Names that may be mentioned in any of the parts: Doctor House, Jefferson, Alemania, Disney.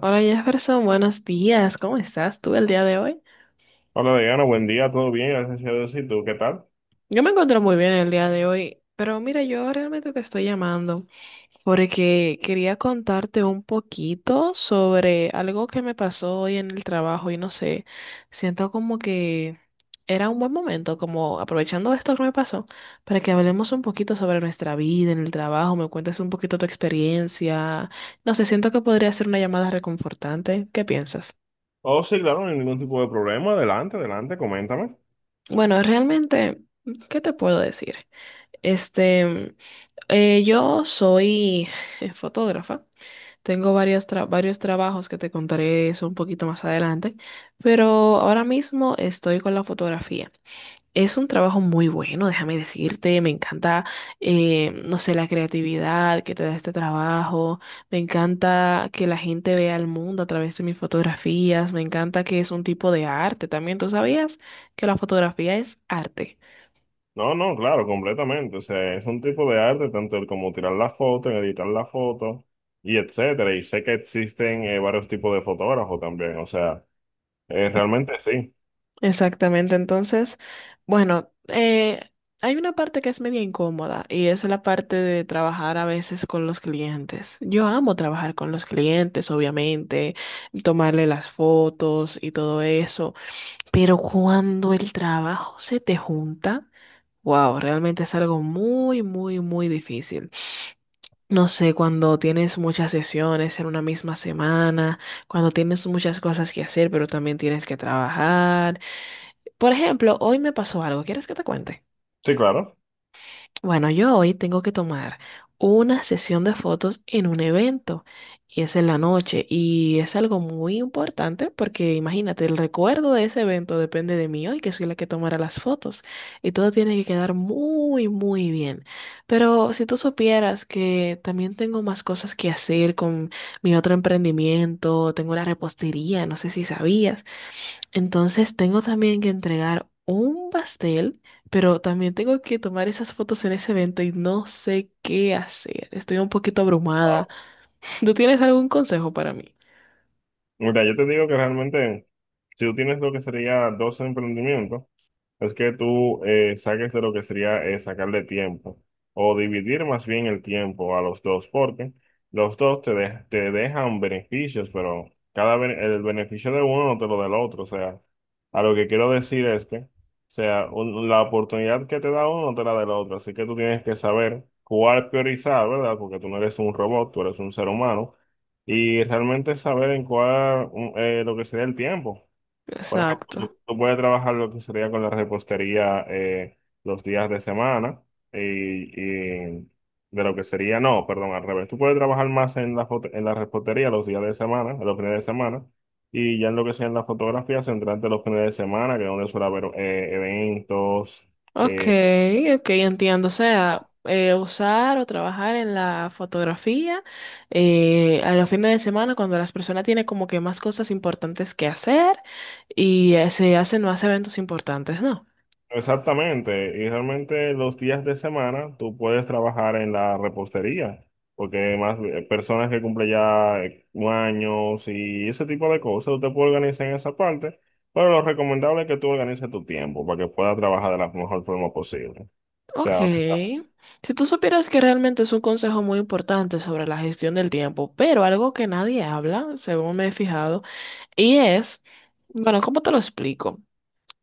Hola Jefferson, buenos días. ¿Cómo estás tú el día de hoy? Hola, Diana, buen día, todo bien, gracias a Dios. ¿Y tú qué tal? Yo me encuentro muy bien el día de hoy, pero mira, yo realmente te estoy llamando porque quería contarte un poquito sobre algo que me pasó hoy en el trabajo y no sé, siento como que era un buen momento, como aprovechando esto que me pasó, para que hablemos un poquito sobre nuestra vida en el trabajo, me cuentes un poquito tu experiencia. No sé, siento que podría ser una llamada reconfortante. ¿Qué piensas? Oh, sí, claro, no hay ningún tipo de problema. Adelante, adelante, coméntame. Bueno, realmente, ¿qué te puedo decir? Este, yo soy fotógrafa, tengo varios trabajos que te contaré eso un poquito más adelante, pero ahora mismo estoy con la fotografía. Es un trabajo muy bueno, déjame decirte, me encanta, no sé, la creatividad que te da este trabajo, me encanta que la gente vea el mundo a través de mis fotografías, me encanta que es un tipo de arte también, ¿tú sabías que la fotografía es arte? No, no, claro, completamente. O sea, es un tipo de arte, tanto el como tirar la foto, en editar la foto, y etcétera. Y sé que existen varios tipos de fotógrafos también. O sea, realmente sí. Exactamente, entonces, bueno, hay una parte que es media incómoda y es la parte de trabajar a veces con los clientes. Yo amo trabajar con los clientes, obviamente, tomarle las fotos y todo eso. Pero cuando el trabajo se te junta, wow, realmente es algo muy, muy, muy difícil. No sé, cuando tienes muchas sesiones en una misma semana, cuando tienes muchas cosas que hacer, pero también tienes que trabajar. Por ejemplo, hoy me pasó algo, ¿quieres que te cuente? Sí, claro. Bueno, yo hoy tengo que tomar una sesión de fotos en un evento y es en la noche y es algo muy importante porque imagínate, el recuerdo de ese evento depende de mí hoy, que soy la que tomará las fotos y todo tiene que quedar muy, muy bien. Pero si tú supieras que también tengo más cosas que hacer con mi otro emprendimiento, tengo una repostería, no sé si sabías, entonces tengo también que entregar un pastel, pero también tengo que tomar esas fotos en ese evento y no sé qué hacer. Estoy un poquito Ah, abrumada. ¿Tú tienes algún consejo para mí? mira, yo te digo que realmente, si tú tienes lo que sería dos emprendimientos, es que tú saques de lo que sería sacarle tiempo o dividir más bien el tiempo a los dos, porque los dos te dejan beneficios, pero el beneficio de uno no te lo da el otro. O sea, a lo que quiero decir es que, o sea, la oportunidad que te da uno no te la da el otro, así que tú tienes que saber cuál priorizar, ¿verdad? Porque tú no eres un robot, tú eres un ser humano y realmente saber en cuál lo que sería el tiempo. Por ejemplo, Exacto. tú puedes trabajar lo que sería con la repostería los días de semana y de lo que sería, no, perdón, al revés. Tú puedes trabajar más en en la repostería los días de semana, los fines de semana, y ya en lo que sea en la fotografía, centrarte en los fines de semana, que es donde suele haber eventos, Ok, eh, ok, entiendo. O sea, usar o trabajar en la fotografía a los fines de semana cuando las personas tienen como que más cosas importantes que hacer y se hacen más eventos importantes, ¿no? exactamente, y realmente los días de semana tú puedes trabajar en la repostería, porque más personas que cumplen ya un y ese tipo de cosas, usted puede organizar en esa parte, pero lo recomendable es que tú organices tu tiempo para que puedas trabajar de la mejor forma posible. O Ok. sea, Si tú supieras que realmente es un consejo muy importante sobre la gestión del tiempo, pero algo que nadie habla, según me he fijado, y es, bueno, ¿cómo te lo explico?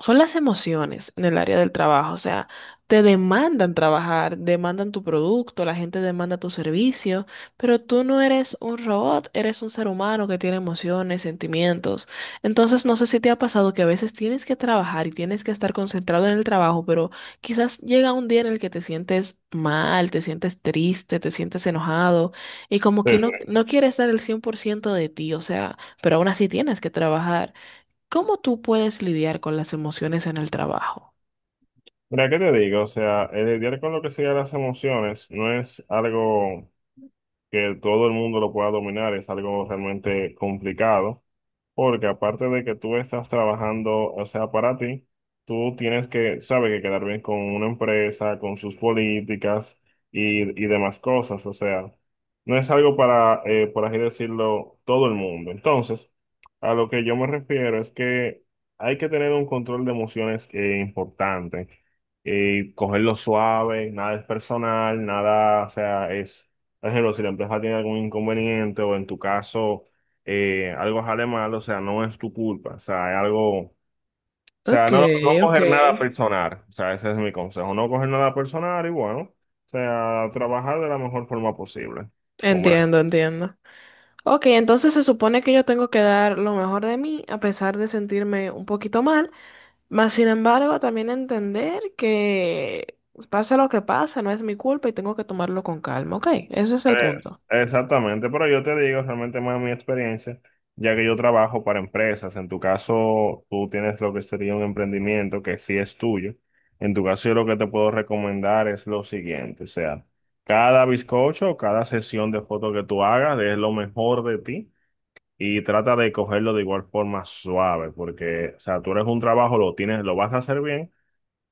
Son las emociones en el área del trabajo. O sea, te demandan trabajar, demandan tu producto, la gente demanda tu servicio, pero tú no eres un robot, eres un ser humano que tiene emociones, sentimientos. Entonces, no sé si te ha pasado que a veces tienes que trabajar y tienes que estar concentrado en el trabajo, pero quizás llega un día en el que te sientes mal, te sientes triste, te sientes enojado y como que sí, sí. no quieres dar el 100% de ti, o sea, pero aún así tienes que trabajar. ¿Cómo tú puedes lidiar con las emociones en el trabajo? Mira, ¿qué te digo? O sea, el lidiar con lo que sean las emociones no es algo que todo el mundo lo pueda dominar, es algo realmente complicado. Porque aparte de que tú estás trabajando, o sea, para ti, tú tienes que, sabe, que quedar bien con una empresa, con sus políticas y demás cosas. O sea, no es algo para, por así decirlo, todo el mundo. Entonces, a lo que yo me refiero es que hay que tener un control de emociones importante. Cogerlo suave, nada es personal, nada, o sea, es, por ejemplo, si la empresa tiene algún inconveniente o en tu caso algo sale mal, o sea, no es tu culpa, o sea, es algo, o sea, Ok, no ok. coger nada personal, o sea, ese es mi consejo, no coger nada personal y bueno, o sea, trabajar de la mejor forma posible, con buenas. Entiendo, entiendo. Ok, entonces se supone que yo tengo que dar lo mejor de mí a pesar de sentirme un poquito mal, mas sin embargo también entender que pasa lo que pasa, no es mi culpa y tengo que tomarlo con calma, ok, ese es el Es- punto. exactamente, pero yo te digo realmente más mi experiencia, ya que yo trabajo para empresas, en tu caso tú tienes lo que sería un emprendimiento que sí es tuyo, en tu caso yo lo que te puedo recomendar es lo siguiente, o sea, cada bizcocho, cada sesión de fotos que tú hagas es lo mejor de ti y trata de cogerlo de igual forma suave, porque, o sea, tú eres un trabajo, lo tienes, lo vas a hacer bien,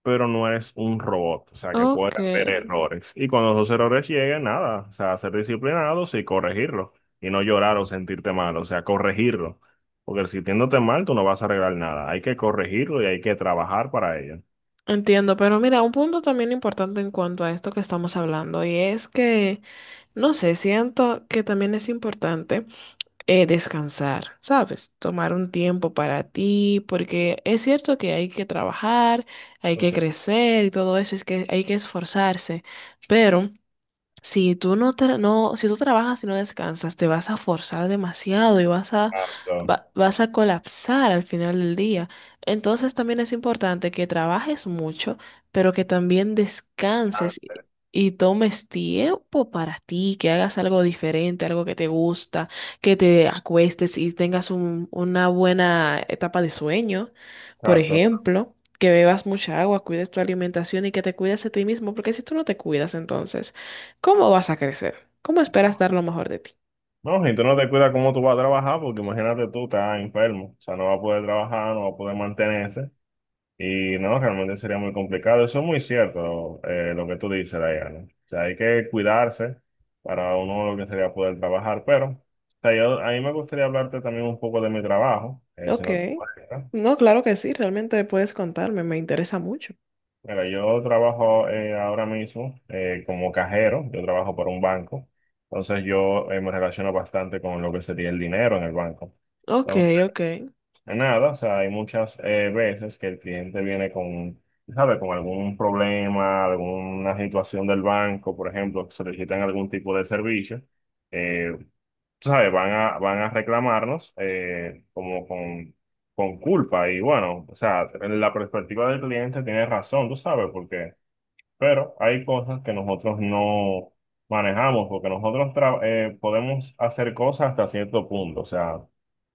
pero no eres un robot, o sea, que puede Ok, haber errores. Y cuando esos errores lleguen, nada, o sea, ser disciplinados y corregirlos, y no llorar o sentirte mal, o sea, corregirlo. Porque si sintiéndote mal, tú no vas a arreglar nada, hay que corregirlo y hay que trabajar para ello. entiendo, pero mira, un punto también importante en cuanto a esto que estamos hablando y es que, no sé, siento que también es importante descansar, ¿sabes? Tomar un tiempo para ti, porque es cierto que hay que trabajar, hay que Pues, crecer y todo eso, es que hay que esforzarse, pero... Si tú no, tra- no, si tú trabajas y no descansas, te vas a forzar demasiado y exacto, vas a colapsar al final del día. Entonces también es importante que trabajes mucho, pero que también descanses y tomes tiempo para ti, que hagas algo diferente, algo que te gusta, que te acuestes y tengas una buena etapa de sueño, por exacto. ejemplo. Que bebas mucha agua, cuides tu alimentación y que te cuides de ti mismo, porque si tú no te cuidas, entonces ¿cómo vas a crecer? ¿Cómo esperas dar lo mejor de ti? No, si tú no te cuidas cómo tú vas a trabajar, porque imagínate tú, estás enfermo, o sea, no vas a poder trabajar, no vas a poder mantenerse. Y no, realmente sería muy complicado. Eso es muy cierto, lo que tú dices, Diana. O sea, hay que cuidarse para uno lo que sería poder trabajar. Pero, o sea, yo, a mí me gustaría hablarte también un poco de mi trabajo, si Ok. no te molesta. No, claro que sí, realmente puedes contarme, me interesa mucho. Mira, yo trabajo ahora mismo como cajero, yo trabajo para un banco. Entonces, yo me relaciono bastante con lo que sería el dinero en el banco. Ok, ok, Nada, o sea, hay muchas veces que el cliente viene con, ¿sabe? Con algún problema, alguna situación del banco, por ejemplo, solicitan algún tipo de servicio, eh, ¿sabe? Van a, van a reclamarnos como con culpa y bueno, o sea, en la perspectiva del cliente tiene razón, tú sabes, porque, pero hay cosas que nosotros no manejamos, porque nosotros podemos hacer cosas hasta cierto punto, o sea,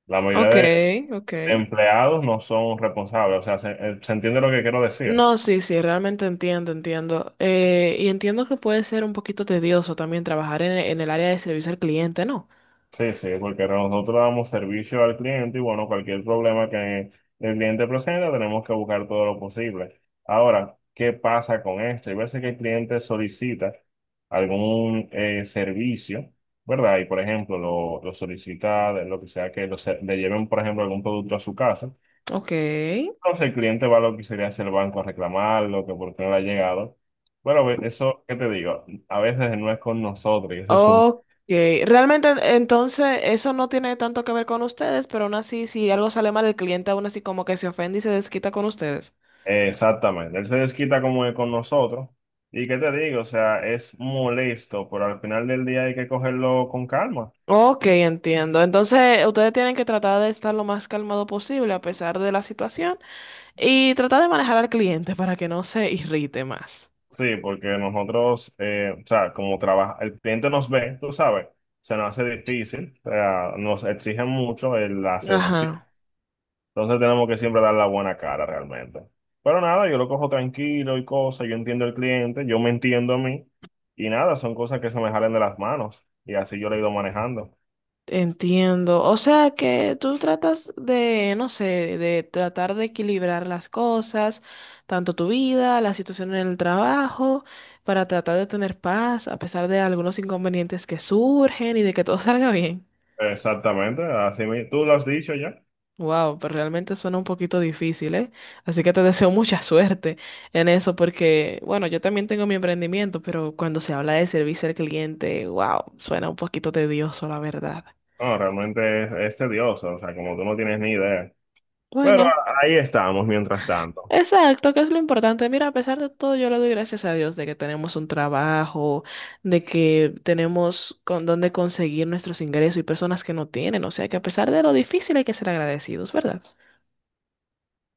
la ok, mayoría ok. empleados no son responsables, o sea, se, se entiende lo que quiero decir. No, sí, sí, realmente entiendo, entiendo. Y entiendo que puede ser un poquito tedioso también trabajar en el área de servicio al cliente, ¿no? Sí, sí, porque nosotros damos servicio al cliente y bueno, cualquier problema que el cliente presente tenemos que buscar todo lo posible. Ahora, ¿qué pasa con esto? Hay veces que el cliente solicita algún servicio, ¿verdad? Y por ejemplo, lo solicita, de lo que sea que le lleven, por ejemplo, algún producto a su casa. Ok, Entonces el cliente va a lo que sería hacia el banco a reclamarlo, que por qué no le ha llegado. Bueno, eso, ¿qué te digo? A veces no es con nosotros, y eso es un... ok. Realmente entonces eso no tiene tanto que ver con ustedes, pero aún así si algo sale mal el cliente aún así como que se ofende y se desquita con ustedes. Exactamente, él se desquita como es con nosotros. ¿Y qué te digo? O sea, es molesto, pero al final del día hay que cogerlo con calma. Ok, entiendo. Entonces, ustedes tienen que tratar de estar lo más calmado posible a pesar de la situación y tratar de manejar al cliente para que no se irrite más. Sí, porque nosotros, o sea, como trabaja, el cliente nos ve, tú sabes, se nos hace difícil, o sea, nos exigen mucho las emociones. Ajá, Entonces tenemos que siempre dar la buena cara realmente. Pero nada, yo lo cojo tranquilo y cosas, yo entiendo al cliente, yo me entiendo a mí y nada, son cosas que se me salen de las manos y así yo lo he ido manejando. entiendo. O sea que tú tratas de, no sé, de tratar de equilibrar las cosas, tanto tu vida, la situación en el trabajo, para tratar de tener paz a pesar de algunos inconvenientes que surgen y de que todo salga bien. Exactamente, así tú lo has dicho ya. Wow, pero realmente suena un poquito difícil, ¿eh? Así que te deseo mucha suerte en eso porque, bueno, yo también tengo mi emprendimiento, pero cuando se habla de servicio al cliente, wow, suena un poquito tedioso, la verdad. No, realmente es tedioso, o sea, como tú no tienes ni idea. Pero Bueno, ahí estamos mientras tanto. exacto, que es lo importante. Mira, a pesar de todo, yo le doy gracias a Dios de que tenemos un trabajo, de que tenemos con dónde conseguir nuestros ingresos y personas que no tienen. O sea que a pesar de lo difícil hay que ser agradecidos, ¿verdad?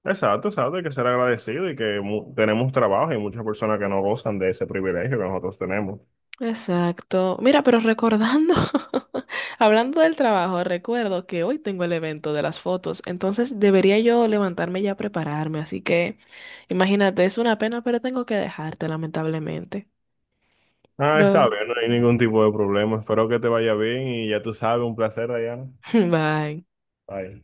Exacto, exacto, hay que ser agradecido y que tenemos trabajo y muchas personas que no gozan de ese privilegio que nosotros tenemos. Exacto. Mira, pero recordando, hablando del trabajo, recuerdo que hoy tengo el evento de las fotos, entonces debería yo levantarme ya a prepararme, así que imagínate, es una pena, pero tengo que dejarte, lamentablemente. Ah, está Pero, bien, no hay ningún tipo de problema. Espero que te vaya bien y ya tú sabes, un placer, Diana. bye. Bye.